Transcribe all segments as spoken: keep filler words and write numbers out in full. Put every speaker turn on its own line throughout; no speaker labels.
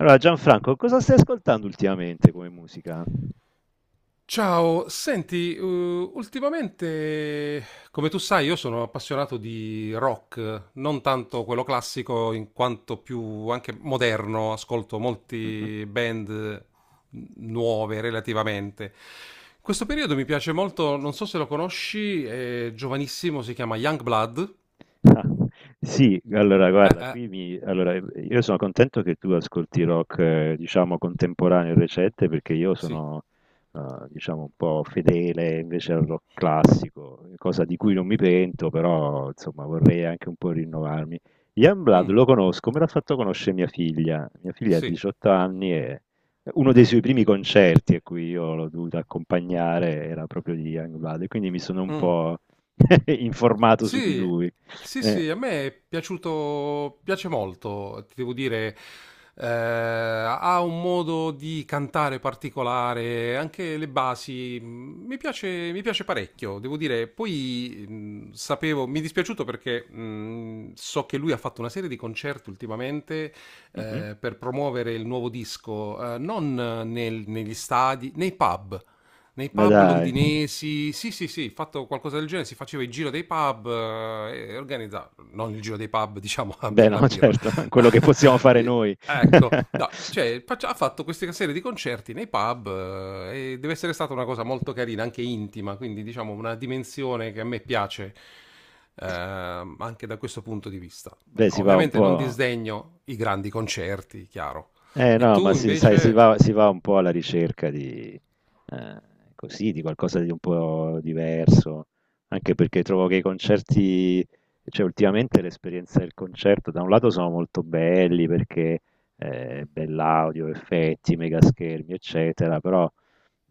Allora, Gianfranco, cosa stai ascoltando ultimamente come musica?
Ciao, senti, eh, ultimamente, come tu sai, io sono appassionato di rock, non tanto quello classico in quanto più anche moderno, ascolto
Mhm.
molti band nuove relativamente. In questo periodo mi piace molto, non so se lo conosci, è giovanissimo, si chiama Youngblood.
Ah, sì, allora
Eh,
guarda,
eh,
qui mi, allora, io sono contento che tu ascolti rock, eh, diciamo, contemporaneo e recente, perché io
sì.
sono, eh, diciamo, un po' fedele invece al rock classico, cosa di cui
Mm.
non mi pento, però, insomma, vorrei anche un po' rinnovarmi. Youngblood
Mm,
lo conosco, me l'ha fatto conoscere mia figlia. Mia figlia ha
sì.
diciotto anni e uno dei
Eh,
suoi primi concerti a cui io l'ho dovuto accompagnare era proprio di Youngblood, e quindi mi sono un
mm.
po' informato su di
Sì,
lui.
sì,
Eh.
sì, a me è piaciuto, piace molto, ti devo dire, eh, ha un modo di cantare particolare, anche le basi, mh, mi piace, mi piace parecchio, devo dire, poi mh, sapevo, mi è dispiaciuto perché mh, so che lui ha fatto una serie di concerti ultimamente
Mh-mh.
eh, per promuovere il nuovo disco, eh, non nel- negli stadi, nei pub nei
Ma
pub
dai.
londinesi, sì, sì, sì, fatto qualcosa del genere, si faceva il giro dei pub eh, e organizzava, non il giro dei pub, diciamo, a
Beh,
bere la
no,
birra.
certo, quello che possiamo fare noi.
Ecco, no, cioè, faccia- ha fatto questa serie di concerti nei pub, eh, e deve essere stata una cosa molto carina, anche intima, quindi diciamo una dimensione che a me piace. ehm, anche da questo punto di vista,
Beh, si va un
ovviamente
po'.
non disdegno i grandi concerti, chiaro.
Eh,
E
no, ma
tu
si sai, si
invece?
va si va un po' alla ricerca di ehm, così, di qualcosa di un po' diverso, anche perché trovo che i concerti, cioè ultimamente l'esperienza del concerto, da un lato sono molto belli perché, ehm, bell'audio, effetti, mega schermi, eccetera, però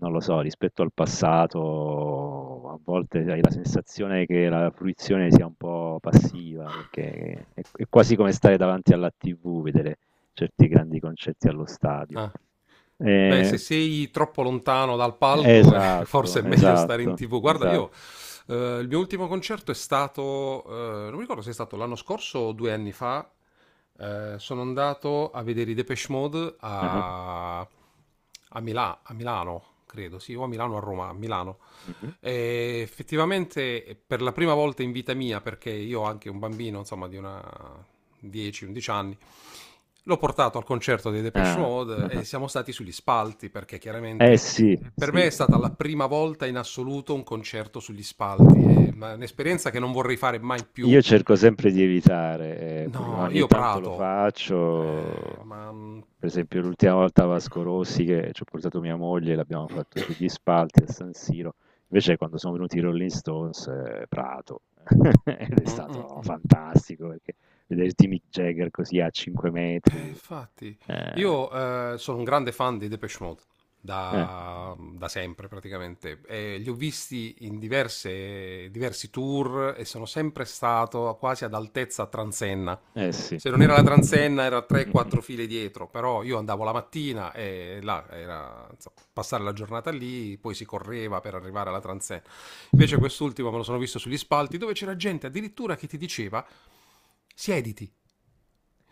non lo so, rispetto al passato a volte hai la sensazione che la fruizione sia un po' passiva, perché è, è quasi come stare davanti alla tivù, vedere certi grandi concerti allo stadio.
Ah. Beh,
Eh,
se sei troppo lontano dal palco, eh, forse
esatto,
è meglio stare in
esatto,
T V. Guarda, io
esatto.
eh, il mio ultimo concerto è stato, eh, non mi ricordo se è stato l'anno scorso o due anni fa. eh, sono andato a vedere i Depeche Mode
Ah,
a, a Mila- a Milano, credo, sì, o a Milano o a Roma, a Milano.
mhm.
E effettivamente eh, per la prima volta in vita mia, perché io ho anche un bambino, insomma, di una dieci undici anni. L'ho portato al concerto dei Depeche
Ah,
Mode e
ah.
siamo stati sugli spalti perché
Eh
chiaramente eh,
sì,
per
sì,
me è
sì.
stata la prima volta in assoluto un concerto sugli spalti, è una- un'esperienza che non vorrei fare mai più.
Io cerco sempre di evitare, ehm, pur
No,
ogni
io
tanto lo
prato. Eh,
faccio.
ma mm,
Per esempio l'ultima volta a Vasco Rossi, che c'ho portato mia moglie, l'abbiamo fatto sugli spalti a San Siro, invece quando sono venuti i Rolling Stones, ehm, Prato. Ed è
mm, mm,
stato
mm.
fantastico perché vederti Mick Jagger così a cinque
Eh,
metri.
infatti,
ehm
io eh, sono un grande fan di Depeche Mode
eh,
da, da sempre praticamente. E li ho visti in diverse, diversi tour e sono sempre stato quasi ad altezza transenna.
eh sì.
Se non era la transenna, era tre quattro file dietro, però io andavo la mattina e là era insomma, passare la giornata lì, poi si correva per arrivare alla transenna. Invece quest'ultimo me lo sono visto sugli spalti dove c'era gente addirittura che ti diceva siediti.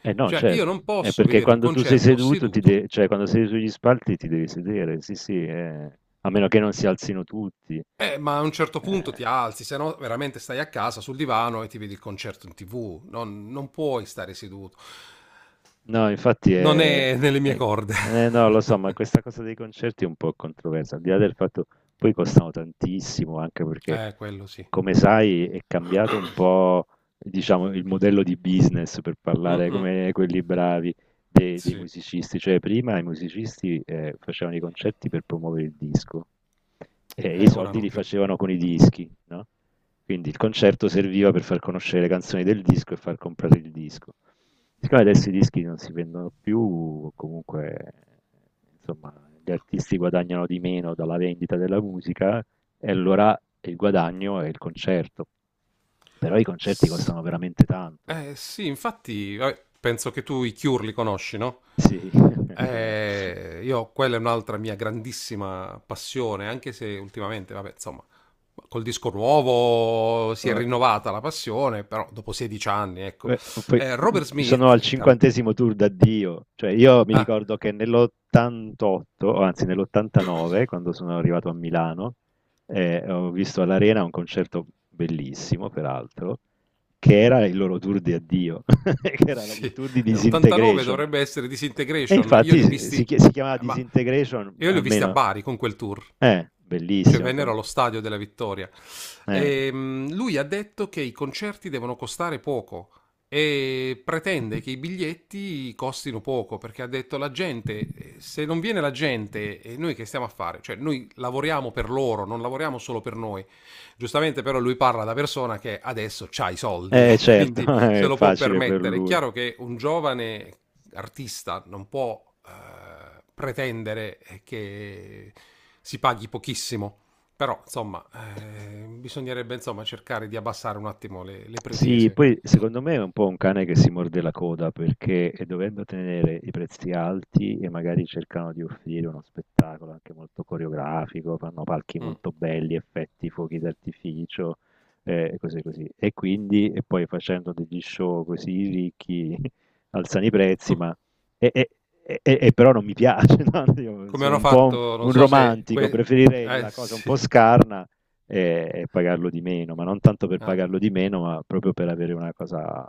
Eh no,
Cioè, io
certo.
non
È
posso
perché
vedere un
quando tu sei
concerto
seduto, ti
seduto.
de- cioè quando sei sugli spalti ti devi sedere, sì, sì, eh. A meno che non si alzino tutti.
Eh, ma a un certo punto
Eh.
ti alzi, se no veramente stai a casa sul divano e ti vedi il concerto in tivù. Non, non puoi stare seduto.
No, infatti
Non
è...
è nelle mie
è-
corde.
eh, no, lo so, ma questa cosa dei concerti è un po' controversa, al di là del fatto poi costano tantissimo, anche perché,
eh, quello sì.
come sai, è cambiato un po', diciamo, il modello di business, per parlare
Mm-mm,
come quelli bravi, dei, dei
sì,
musicisti. Cioè, prima i musicisti eh, facevano i concerti per promuovere il disco e i
eh, ora
soldi
non
li
più.
facevano con i dischi, no? Quindi il concerto serviva per far conoscere le canzoni del disco e far comprare il disco. Siccome adesso i dischi non si vendono più, comunque, insomma, gli artisti guadagnano di meno dalla vendita della musica e allora il guadagno è il concerto. Però i concerti
S-
costano veramente tanto.
Eh sì, infatti, eh, penso che tu i Cure li conosci, no?
Sì, com'era?
Eh, io, quella è un'altra mia grandissima passione, anche se ultimamente, vabbè, insomma, col disco nuovo si è
Eh,
rinnovata la passione, però dopo sedici anni, ecco.
Beh, poi,
Eh,
uhm,
Robert
sono
Smith,
al
il cantante...
cinquantesimo° tour d'addio. Cioè io mi ricordo che nell'ottantotto, o anzi nell'ottantanove, quando sono arrivato a Milano, ehm, ho visto all'Arena un concerto bellissimo peraltro, che era il loro tour di addio, che era la il
Sì,
tour di
ottantanove
Disintegration.
dovrebbe essere
E
Disintegration. Io li
infatti
ho
si
visti,
si
eh,
chia si chiamava
ma
Disintegration,
io li ho visti a
almeno.
Bari con quel tour.
Eh,
Cioè
bellissimo
vennero
con.
allo stadio della Vittoria.
eh,
Ehm, lui ha detto che i concerti devono costare poco e pretende che i biglietti costino poco perché ha detto la gente, eh, se non viene la gente, e noi che stiamo a fare? Cioè noi lavoriamo per loro, non lavoriamo solo per noi. Giustamente però lui parla da persona che adesso ha i soldi,
eh certo,
quindi se
è
lo può
facile per
permettere. È
lui.
chiaro che un
Mh.
giovane artista non può eh, pretendere eh, che si paghi pochissimo, però insomma eh, bisognerebbe, insomma, cercare di abbassare un attimo le, le
Sì,
pretese.
poi secondo me è un po' un cane che si morde la coda perché eh, dovendo tenere i prezzi alti e magari cercano di offrire uno spettacolo anche molto coreografico, fanno palchi
Mm.
molto belli, effetti, fuochi d'artificio eh, e cose così. E quindi, e poi facendo degli show così ricchi, alzano i prezzi,
Com-
ma e, e- e- e però non mi piace, no? Io
Come
sono
hanno
un po' un
fatto, non
un
so se,
romantico,
que-
preferirei
eh,
la cosa un
sì.
po' scarna e, e pagarlo di meno, ma non tanto per
Ah.
pagarlo di meno, ma proprio per avere una cosa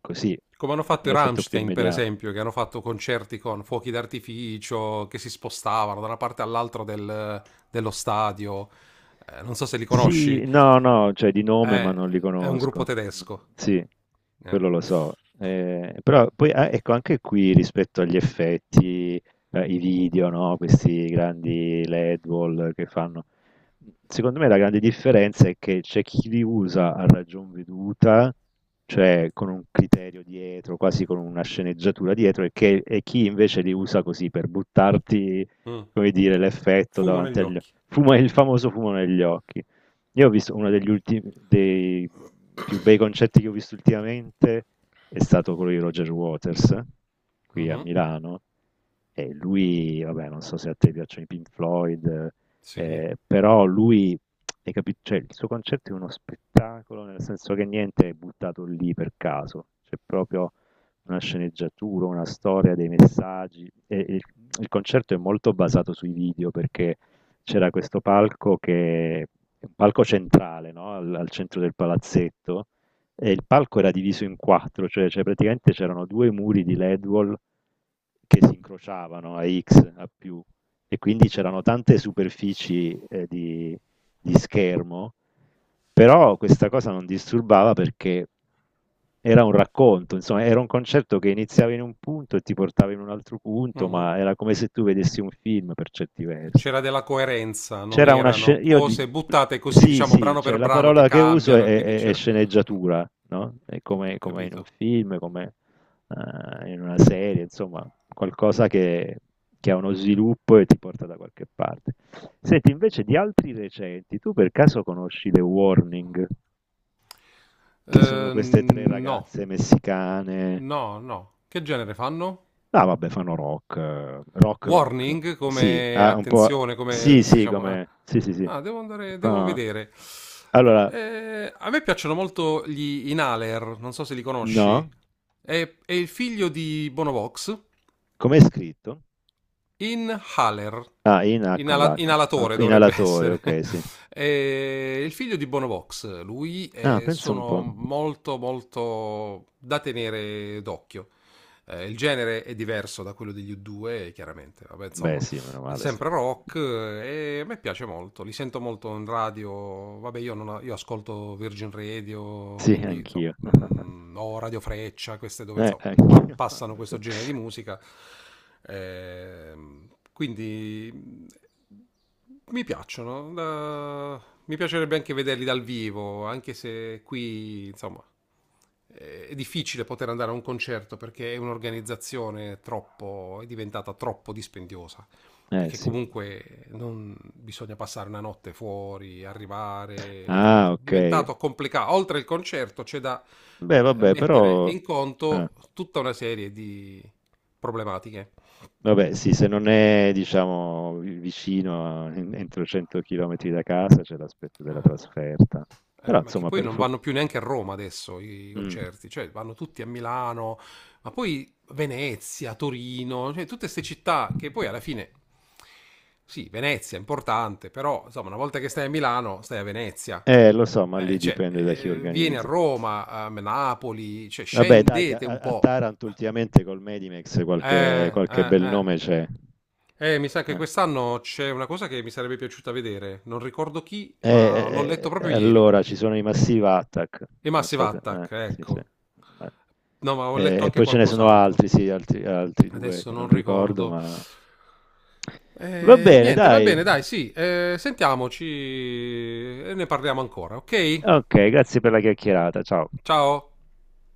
così,
Come hanno
un
fatto i
un effetto più
Rammstein, per
immediato.
esempio, che hanno fatto concerti con fuochi d'artificio, che si spostavano da una parte all'altra del- dello stadio. Eh, non so se li conosci.
Sì, no, no, cioè di nome, ma
Eh,
non li
è un gruppo
conosco. Mm,
tedesco.
sì,
Eh.
quello lo so. Eh, però poi, ah, ecco, anche qui rispetto agli effetti, eh, i video, no? Questi grandi led wall che fanno. Secondo me la grande differenza è che c'è chi li usa a ragion veduta, cioè con un criterio dietro, quasi con una sceneggiatura dietro, e, che- e chi invece li usa così per buttarti,
Mm.
come dire, l'effetto
Fumo
davanti
negli
agli
occhi.
occhi. Il famoso fumo negli occhi. Io ho visto uno degli ultimi, dei più bei concetti che ho visto ultimamente, è stato quello di Roger Waters, qui a
Mhm.
Milano. E lui, vabbè, non so se a te piacciono i Pink Floyd,
Sì.
eh, però lui, hai capito, cioè, il suo concetto è uno spettacolo, nel senso che niente è buttato lì per caso, c'è proprio una sceneggiatura, una storia, dei messaggi. E il, il concerto è molto basato sui video, perché c'era questo palco che è un palco centrale, no? Al, al centro del palazzetto, e il palco era diviso in quattro, cioè, cioè praticamente c'erano due muri di led wall che si incrociavano a X, a più, e quindi c'erano tante superfici eh, di, di schermo, però questa cosa non disturbava perché era un racconto, insomma, era un concetto che iniziava in un punto e ti portava in un altro punto,
Mhm.
ma era come se tu vedessi un film per certi versi.
C'era della coerenza, non
C'era una
erano
scena, io di-
cose buttate così,
sì,
diciamo,
sì,
brano
cioè
per
la
brano che
parola che uso è,
cambiano, e quindi
è- è
c'era.
sceneggiatura, no? È
Ho
come, come in un
capito.
film, come eh, in una serie, insomma, qualcosa che, che ha uno sviluppo e ti porta da qualche parte. Senti, invece di altri recenti, tu per caso conosci The Warning, che sono
Eh,
queste tre
no.
ragazze messicane?
No, no. Che genere fanno?
Ah, vabbè, fanno rock, eh, rock rock.
Warning,
Sì,
come
ah, un po'.
attenzione, come
Sì, sì,
diciamo. eh.
come. Sì, sì, sì.
Ah, devo andare, devo
Fa-
vedere.
Allora,
Eh, a me piacciono molto gli Inhaler, non so se li conosci.
no?
È, è il figlio di Bonovox.
Com'è scritto?
Inhaler,
Ah, in H con
inala-
l'H.
inalatore
Ok,
dovrebbe
Inalatore,
essere.
ok, sì.
E il figlio di Bonovox, lui,
Ah,
eh,
penso un
sono
po'.
molto molto da tenere d'occhio. Eh, il genere è diverso da quello degli U due, chiaramente. Vabbè,
Beh,
insomma,
sì, meno
è
male, se no.
sempre rock eh, e a me piace molto, li sento molto in radio, vabbè io, non, ho- io ascolto Virgin Radio,
Sì,
quindi insomma,
anch'io.
mm, o Radio Freccia, queste dove
Eh,
insomma, pa-
anch'io.
passano questo
Sì.
genere di musica, ehm, quindi mm, mi piacciono, da- mi piacerebbe anche vederli dal vivo, anche se qui insomma eh, è difficile poter andare a un concerto perché è un'organizzazione troppo, è diventata troppo dispendiosa
Eh,
perché
sì.
comunque non bisogna passare una notte fuori, arrivare, quindi
Ah,
è
ok.
diventato complicato. Oltre il concerto c'è da
Beh,
eh,
vabbè,
mettere
però...
in
ah,
conto tutta una serie di problematiche.
vabbè, sì, se non è, diciamo, vi- vicino, a- en- entro cento chilometri da casa, c'è l'aspetto della
Ah,
trasferta.
eh,
Però,
ma che
insomma,
poi
per
non vanno più neanche a Roma adesso i
fortuna...
concerti, cioè vanno tutti a Milano, ma poi Venezia, Torino, cioè tutte queste città che poi alla fine, sì, Venezia è importante, però insomma, una volta che stai a Milano, stai a Venezia.
Eh, lo so, ma
Eh,
lì
cioè,
dipende da chi
eh, vieni a
organizza.
Roma, a Napoli, cioè,
Vabbè, dai, che
scendete un
a, a
po'.
Taranto ultimamente, col Medimex, qualche,
Eh,
qualche
eh,
bel
eh.
nome c'è.
Eh, mi sa che
Eh,
quest'anno c'è una cosa che mi sarebbe piaciuta vedere. Non ricordo chi, ma l'ho letto
eh, eh,
proprio
eh,
ieri.
allora ci sono i Massive Attack,
E
non
Massive
so se... eh,
Attack,
sì, sì.
ecco.
Ma-
No, ma ho letto
eh, e
anche
poi ce ne sono
qualcos'altro.
altri, sì, altri, altri due
Adesso
che
non
non ricordo,
ricordo.
ma... Va
Eh,
bene,
niente, va
dai.
bene, dai, sì. eh, sentiamoci e ne parliamo ancora, ok?
Ok, grazie per la chiacchierata. Ciao.
Ciao.